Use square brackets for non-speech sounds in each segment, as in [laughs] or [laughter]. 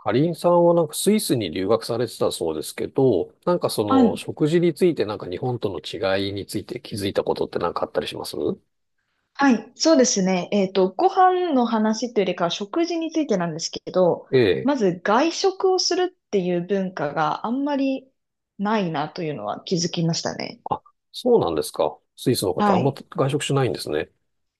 かりんさんはなんかスイスに留学されてたそうですけど、なんかそはのい。食事についてなんか日本との違いについて気づいたことってなんかあったりします？はい、そうですね。ご飯の話というよりかは食事についてなんですけど、ええ。まず外食をするっていう文化があんまりないなというのは気づきましたね。あ、そうなんですか。スイスの方あはんまい。外食しないんですね。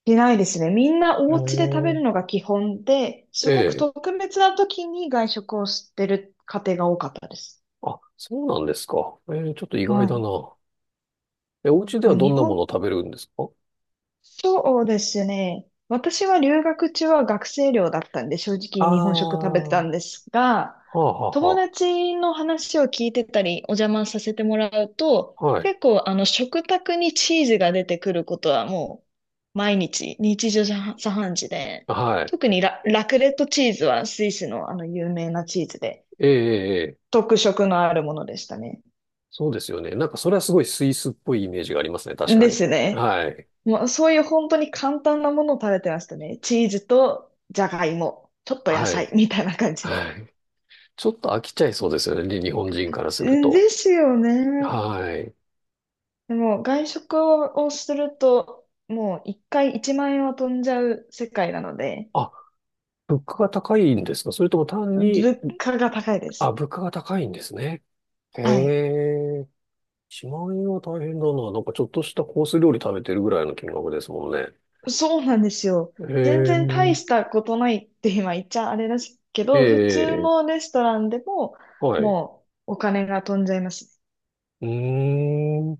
いないですね。みんなお家で食べへるのが基本で、え。すえごくえ。特別な時に外食をしてる家庭が多かったです。あ、そうなんですか。ええ、ちょっと意外はだい。な。え、お家でまはあ、どん日なもの本を食べるんですか？そうですね。私は留学中は学生寮だったんで、正直日本食食あべてたんですが、あ、はあ、友は達の話を聞いてたり、お邪魔させてもらうと、あはあ。はい。結構あの食卓にチーズが出てくることはもう毎日、日常茶飯事で、はい。特にラクレットチーズはスイスのあの有名なチーズで、ええ、ええええ。特色のあるものでしたね。そうですよね。なんかそれはすごいスイスっぽいイメージがありますね。確かでに。すね。はい。もうそういう本当に簡単なものを食べてましたね。チーズとじゃがいも、ちょっと野はい。菜みたいな感じで。はい。ちょっと飽きちゃいそうですよね、日本人からすうるんと。ですよね。はい。でも外食をすると、もう一回1万円は飛んじゃう世界なので、あ、物価が高いんですか、それとも単に、物価が高いであ、す。物価が高いんですね。へはい。え。1万円は大変だな。なんかちょっとしたコース料理食べてるぐらいの金額ですもんね。そうなんですよ。へ全え。然大したことないって今言っちゃあれですけえど、普通え。のレストランでもはい。うもうお金が飛んじゃいます。ーん。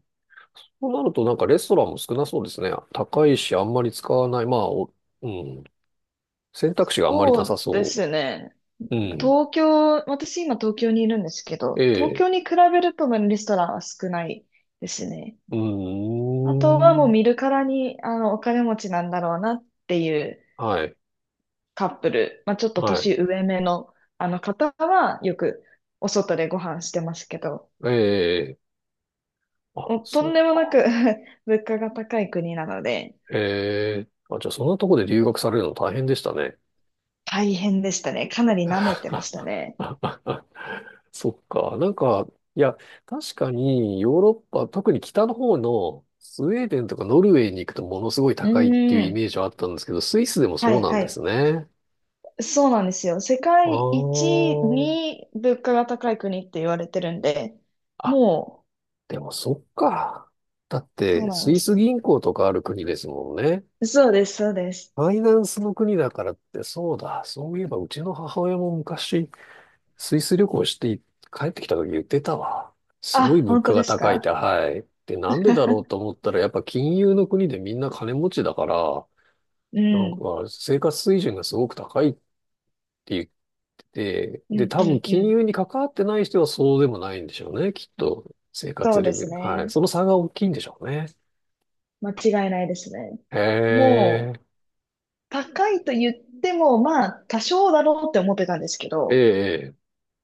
そうなるとなんかレストランも少なそうですね。高いし、あんまり使わない。まあ、お、うん、選択肢があんまりそなさうでそすね。う。うん。東京、私今東京にいるんですけど、東ええ。京に比べるとレストランは少ないですね。うーあとはもうん。見るからに、あの、お金持ちなんだろうなっていうはい。カップル、まあ、ちょっとはい。年上めの、あの方はよくお外でご飯してますけど、ええ、あ、もうとんそでっもなか。く [laughs] 物価が高い国なので、ええ、あ、じゃあそんなとこで留学されるの大変でしたね。大変でしたね。かなり舐めてましたね。[laughs] そっか。なんか、いや、確かにヨーロッパ、特に北の方のスウェーデンとかノルウェーに行くとものすごいう高いっていーうイメん。ージはあったんですけど、スイスでもはそういなんはですい。ね。そうなんですよ。世あ界一ー、に物価が高い国って言われてるんで、あ、もう、でもそっか。だっそうて、なんスでイすスよ。銀行とかある国ですもんね。そうです、そうです。ファイナンスの国だからって、そうだ、そういえばうちの母親も昔、スイス旅行して帰ってきた時言ってたわ。すごいあ、物本価当でがす高いって、か？はい。で、なんでだろうと思ったら、やっぱ金融の国でみんな金持ちだから、うなんかん。生活水準がすごく高いって言ってて、うで、ん、多う分ん、う金ん。融に関わってない人はそうでもないんでしょうね、きっと。生そ活うレでベすル。はい。ね。その差が大きいんでしょうね。間違いないですね。へもう、え、高いと言っても、まあ、多少だろうって思ってたんですけえど、え、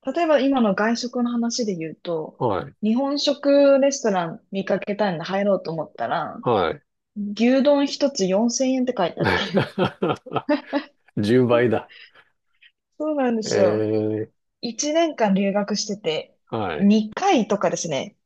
例えば今の外食の話で言うと、はい、日本食レストラン見かけたんで入ろうと思ったら、はい。牛丼一つ4000円って書いてあっ [laughs] 10倍だ。そうなんでえすよ。え、1年間留学してて、はい。2回とかですね。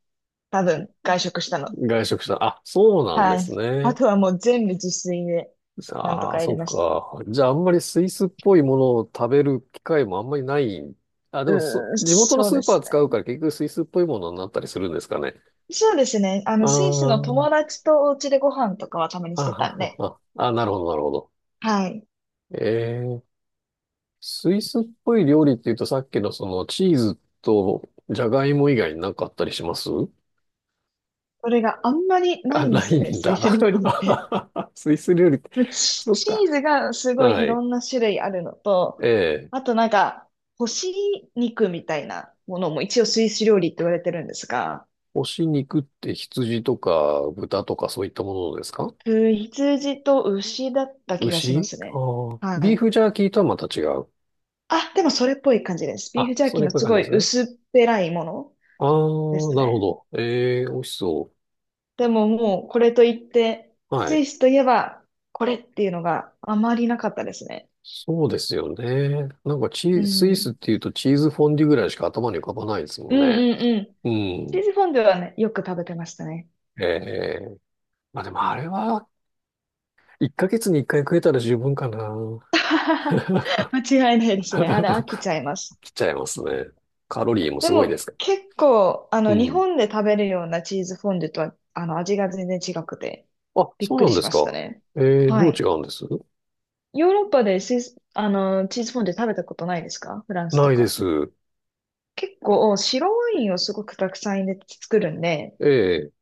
多分、外食したの。外食した。あ、そうなんではい。すあね。とはもう全部自炊で、なんとあかあ、やりそっました。か。じゃあ、あんまりスイスっぽいものを食べる機会もあんまりない。あ、でうもそ、ーん、地元のそうスーでパーす使うかね。ら結局スイスっぽいものになったりするんですかね。そうですね。あの、スイスのあ友達とお家でご飯とかはたまにあ、してたあんあ、で、ああ、あ、なるほど、なるほど。はい。ええ、スイスっぽい料理っていうとさっきのそのチーズとジャガイモ以外になんかあったりします？それがあんまりなあ、いんでなすよいね、んスイスだ。料理って。[laughs] スイス料理って、チ、そっチか。ーズがすごいはいろい。んな種類あるのと、ええ。あとなんか、干し肉みたいなものも一応スイス料理って言われてるんですが、干し肉って羊とか豚とかそういったものですか？羊と牛だった気がしま牛、すね。ああ、はビーい。フジャーキーとはまた違う。あ、でもそれっぽい感じです。ビーあ、フジャーそキーれっのぽいす感じごでいすね。薄っぺらいものああ、なでするほね。ど。ええ、美味しそでももうこれといって、う。はスい。イスといえばこれっていうのがあまりなかったですね。そうですよね。なんかチうー、スイスん。っていうとチーズフォンデュぐらいしか頭に浮かばないですうもんんね。うんうん。うチーん。ズフォンデュはね、よく食べてましたね。ええ。まあでもあれは、1ヶ月に1回食えたら十分かな。[laughs] 間違いないですね。あれ飽き [laughs] ちゃいます。来ちゃいますね。カロリーもですごいですもか結構、あら。うの、日ん。本で食べるようなチーズフォンデュとは、あの、味が全然違くて、あ、びっそうくなりんでしすましたか。ね。えー、はどう違い。うんです？ヨーロッパでスイス、あの、チーズフォンデュ食べたことないですか？フランスとないでか。す。結構、白ワインをすごくたくさん入れて作るんで、ええ、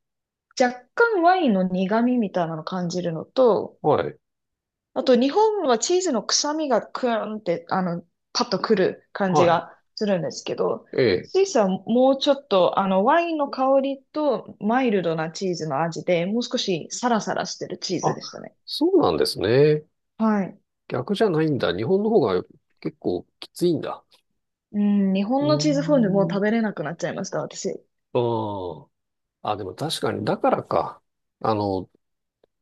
若干ワインの苦味みたいなのを感じるのと、はい、あと、日本はチーズの臭みがクーンって、あの、パッとくる感じはい、がするんですけど、ええ。スイスはもうちょっと、あの、ワインの香りとマイルドなチーズの味で、もう少しサラサラしてるチーズあ、でしたね。そうなんですね。はい。逆じゃないんだ。日本の方が結構きついんだ。うん、日う本のーチーズフォンデュもうん、食べれなくなっちゃいました、私。ああ。あ、でも確かに、だからか。あの、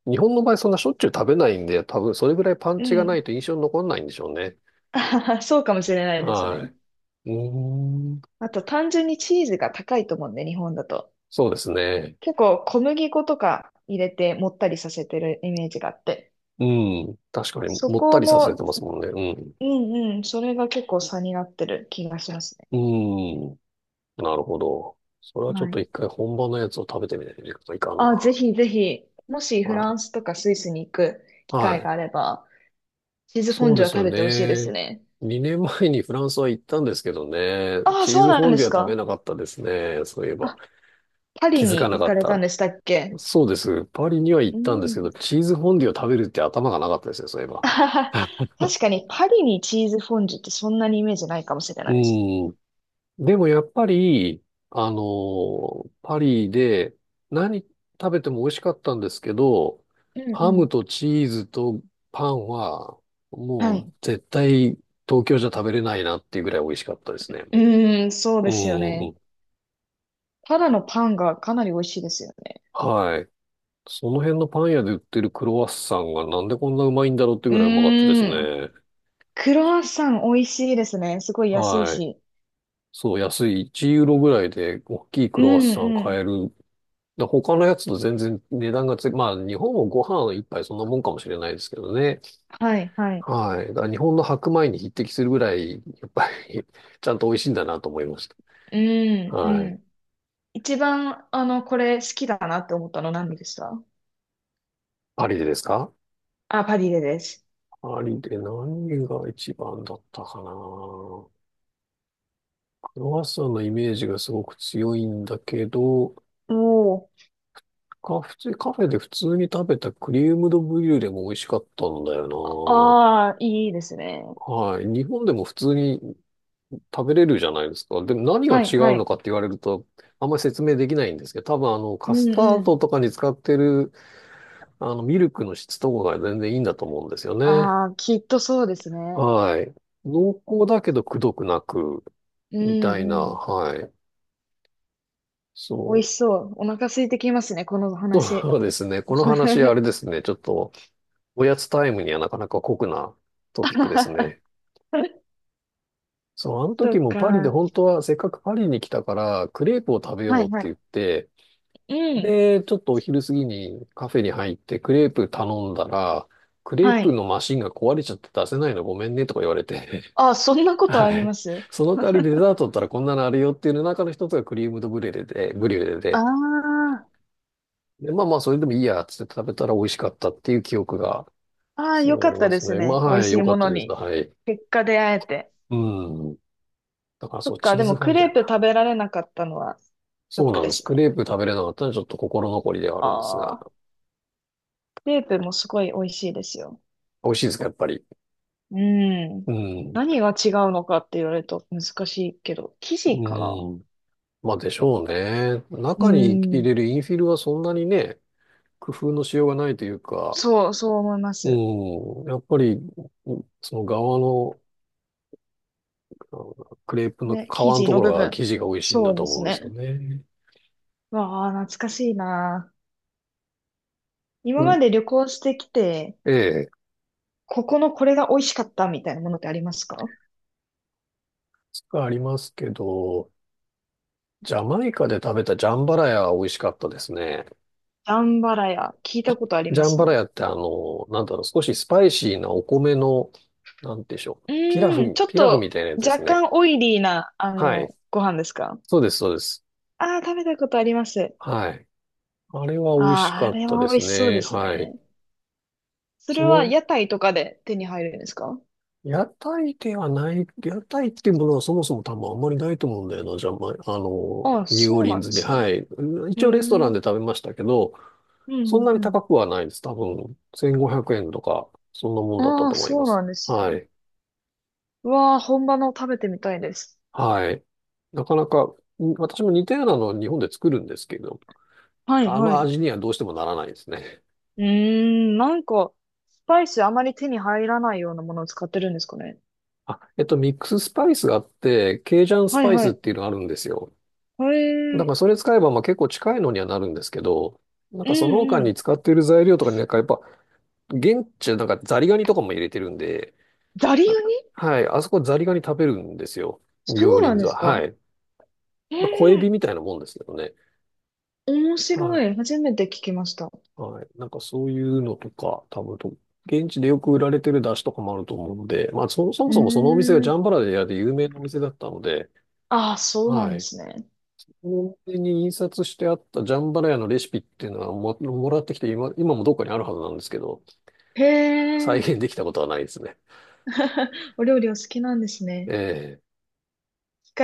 日本の場合そんなしょっちゅう食べないんで、多分それぐらいパンうチがなん。いと印象に残んないんでしょうね。[laughs] あははそうかもしれないですね。はい。うーん、あと、単純にチーズが高いと思うんで、日本だと。そうですね。結構、小麦粉とか入れて、もったりさせてるイメージがあって。うん、確かに、そもったこりさせてもますもんね。うんうん。それが結構差になってる気がしますね。うん。うん。なるほど。それはちょっはとい。一回本場のやつを食べてみないといかんな。あ、ぜひぜひ、もしフランはスとかスイスに行くい。機は会があい。れば、チーズフォンそうデでュはす食よべてほしいですね。ね。2年前にフランスは行ったんですけどね。あ、あチーそうズなフんォンでデュすは食べか。なかったですね。そういえば。あ、パリ気づかにな行かかっれたんた。でしたっけ？そうです。パリには行うったんですん。けど、チーズフォンデュを食べるって頭がなかったですね、そういえ [laughs] ば。あはは確かにパリにチーズフォンデュってそんなにイメージないかもしれうないです。ーん。でもやっぱり、あのパリで何食べても美味しかったんですけど、うんうハん。ムとチーズとパンははもい。う絶対東京じゃ食べれないなっていうぐらい美味しかったですね。うーん、そううですよね。ん。ただのパンがかなり美味しいですよね。はい。その辺のパン屋で売ってるクロワッサンがなんでこんなうまいんだろうってうぐらいうまかったですーね。ん。クロワッサン美味しいですね。すごい安いはい。し。そう、安い1ユーロぐらいで大きいクうロワッんサンう買ん。えるだ他のやつと全然値段がつ、まあ日本もご飯一杯そんなもんかもしれないですけどね。はいはい。はい。だから日本の白米に匹敵するぐらい、やっぱり [laughs] ちゃんと美味しいんだなと思いましうた。んうはい。ん。一番、あの、これ好きだなって思ったの何でした？パリでですか？あ、パディレです。パリで何が一番だったかな。クロワッサンのイメージがすごく強いんだけど、おー。カフェで普通に食べたクリームドブリュレも美味しかったんだよああ、いいですね。な。はい。日本でも普通に食べれるじゃないですか。でも何がはい違はうのい。かって言われると、あんまり説明できないんですけど、多分あの、うカスんタうーん。ドとかに使ってる、あの、ミルクの質とかが全然いいんだと思うんですよね。ああ、きっとそうですね。はい。濃厚だけどくどくなく、うみんたいな、うん。はい。美そ味しう。そう。お腹空いてきますね、この話。そうですね。この話、[laughs] あれですね。ちょっと、おやつタイムにはなかなか酷なトピックですね。そう、あのそ時っもパリでか。本当はせっかくパリに来たから、クレープを食べはよういって言はって、い。うん。で、ちょっとお昼過ぎにカフェに入ってクレープ頼んだら、クレーはプい。のマシンが壊れちゃって出せないのごめんねとか言われて、あ、そんな [laughs] ことあはりまい。す？その代わりデザートだったらこんなのあるよっていうの中の一つがクリームドブリュレで、ブリュレあで、あー。で、まあまあそれでもいいやっつって食べたら美味しかったっていう記憶がああ、すよごいかあっりたまですすね。まね。あ美味はい、しい良かもったのです。に。はい。結果出会えて。うん。だからそそう、っか、チーでもズフォクンデレーュプな。食べられなかったのはショッそうクなんでです。すクね。レープ食べれなかったのはちょっと心残りではあるんですあが、あ、クレープもすごい美味しいですよ。美味しいですか、やっぱり。うん。うん。何が違うのかって言われると難しいけど、生地かな？うん。まあでしょうね。う中に入ん。れるインフィルはそんなにね、工夫のしようがないというか、そう、そう思いまうす。ん、やっぱり、その側の、あのクレープの皮ね、生の地とこのろ部が分。生地が美味しいんそだうとで思すうんですよね。ね。わあ、懐かしいな。今うまん、で旅行してきて、ええ、ここのこれが美味しかったみたいなものってありますか？がありますけど、ジャマイカで食べたジャンバラヤは美味しかったですね。ダンバラヤ、聞いたことありジまャンすバラね。ヤってあの、なんだろう、少しスパイシーなお米の、なんでしょう、うピラーん、フ、ちょっピラフみとたいなやつで若すね。干オイリーな、あはい。の、ご飯ですか？そうです、そうです。ああー、食べたことあります。はい。あれは美味しああ、あかっれたはで美味すしそうでね。すはい。ね。そそれはの、屋台とかで手に入るんですか？屋台っていうものはそもそも多分あんまりないと思うんだよな、じゃまあの、ああー、ニューオーそうリなンんでズで。すはね。い。うん、へ一え。う応レストランんで食べましたけど、うそんんなにうん。高くはないです。多分、1500円とか、そんなもんだったああ、と思いそまうす。なんですはね。い。うわあ、本場の食べてみたいです。はい。なかなか、ん私も似たようなのを日本で作るんですけど、はいあはのい。う味にはどうしてもならないですね。ーん、なんか、スパイスあまり手に入らないようなものを使ってるんですかね。あ、えっと、ミックススパイスがあって、ケイジャンスはいパイはスっい。ていうのがあるんですよ。へだかえ。らそれ使えばまあ結構近いのにはなるんですけど、なんうかその他んうにん。使っている材料とかになんかやっぱ、現地なんかザリガニとかも入れてるんで、ザリガニ？なんか、はい、あそこザリガニ食べるんですよ。そ両うな輪んで座。すはか？い。えまあ、小エビえみたいなもんですけどね。面白はい。初めて聞きました。い。はい。なんかそういうのとか、多分と、現地でよく売られてる出汁とかもあると思うので、まあそ、そうもそもそのお店がージャん。ンバラヤで有名なお店だったので、ああ、そうなんはでい。すね。コンビニに印刷してあったジャンバラヤのレシピっていうのはも、もらってきて今もどっかにあるはずなんですけど、へ再え、現できたことはないですね。[laughs] お料理お好きなんですね。ええ機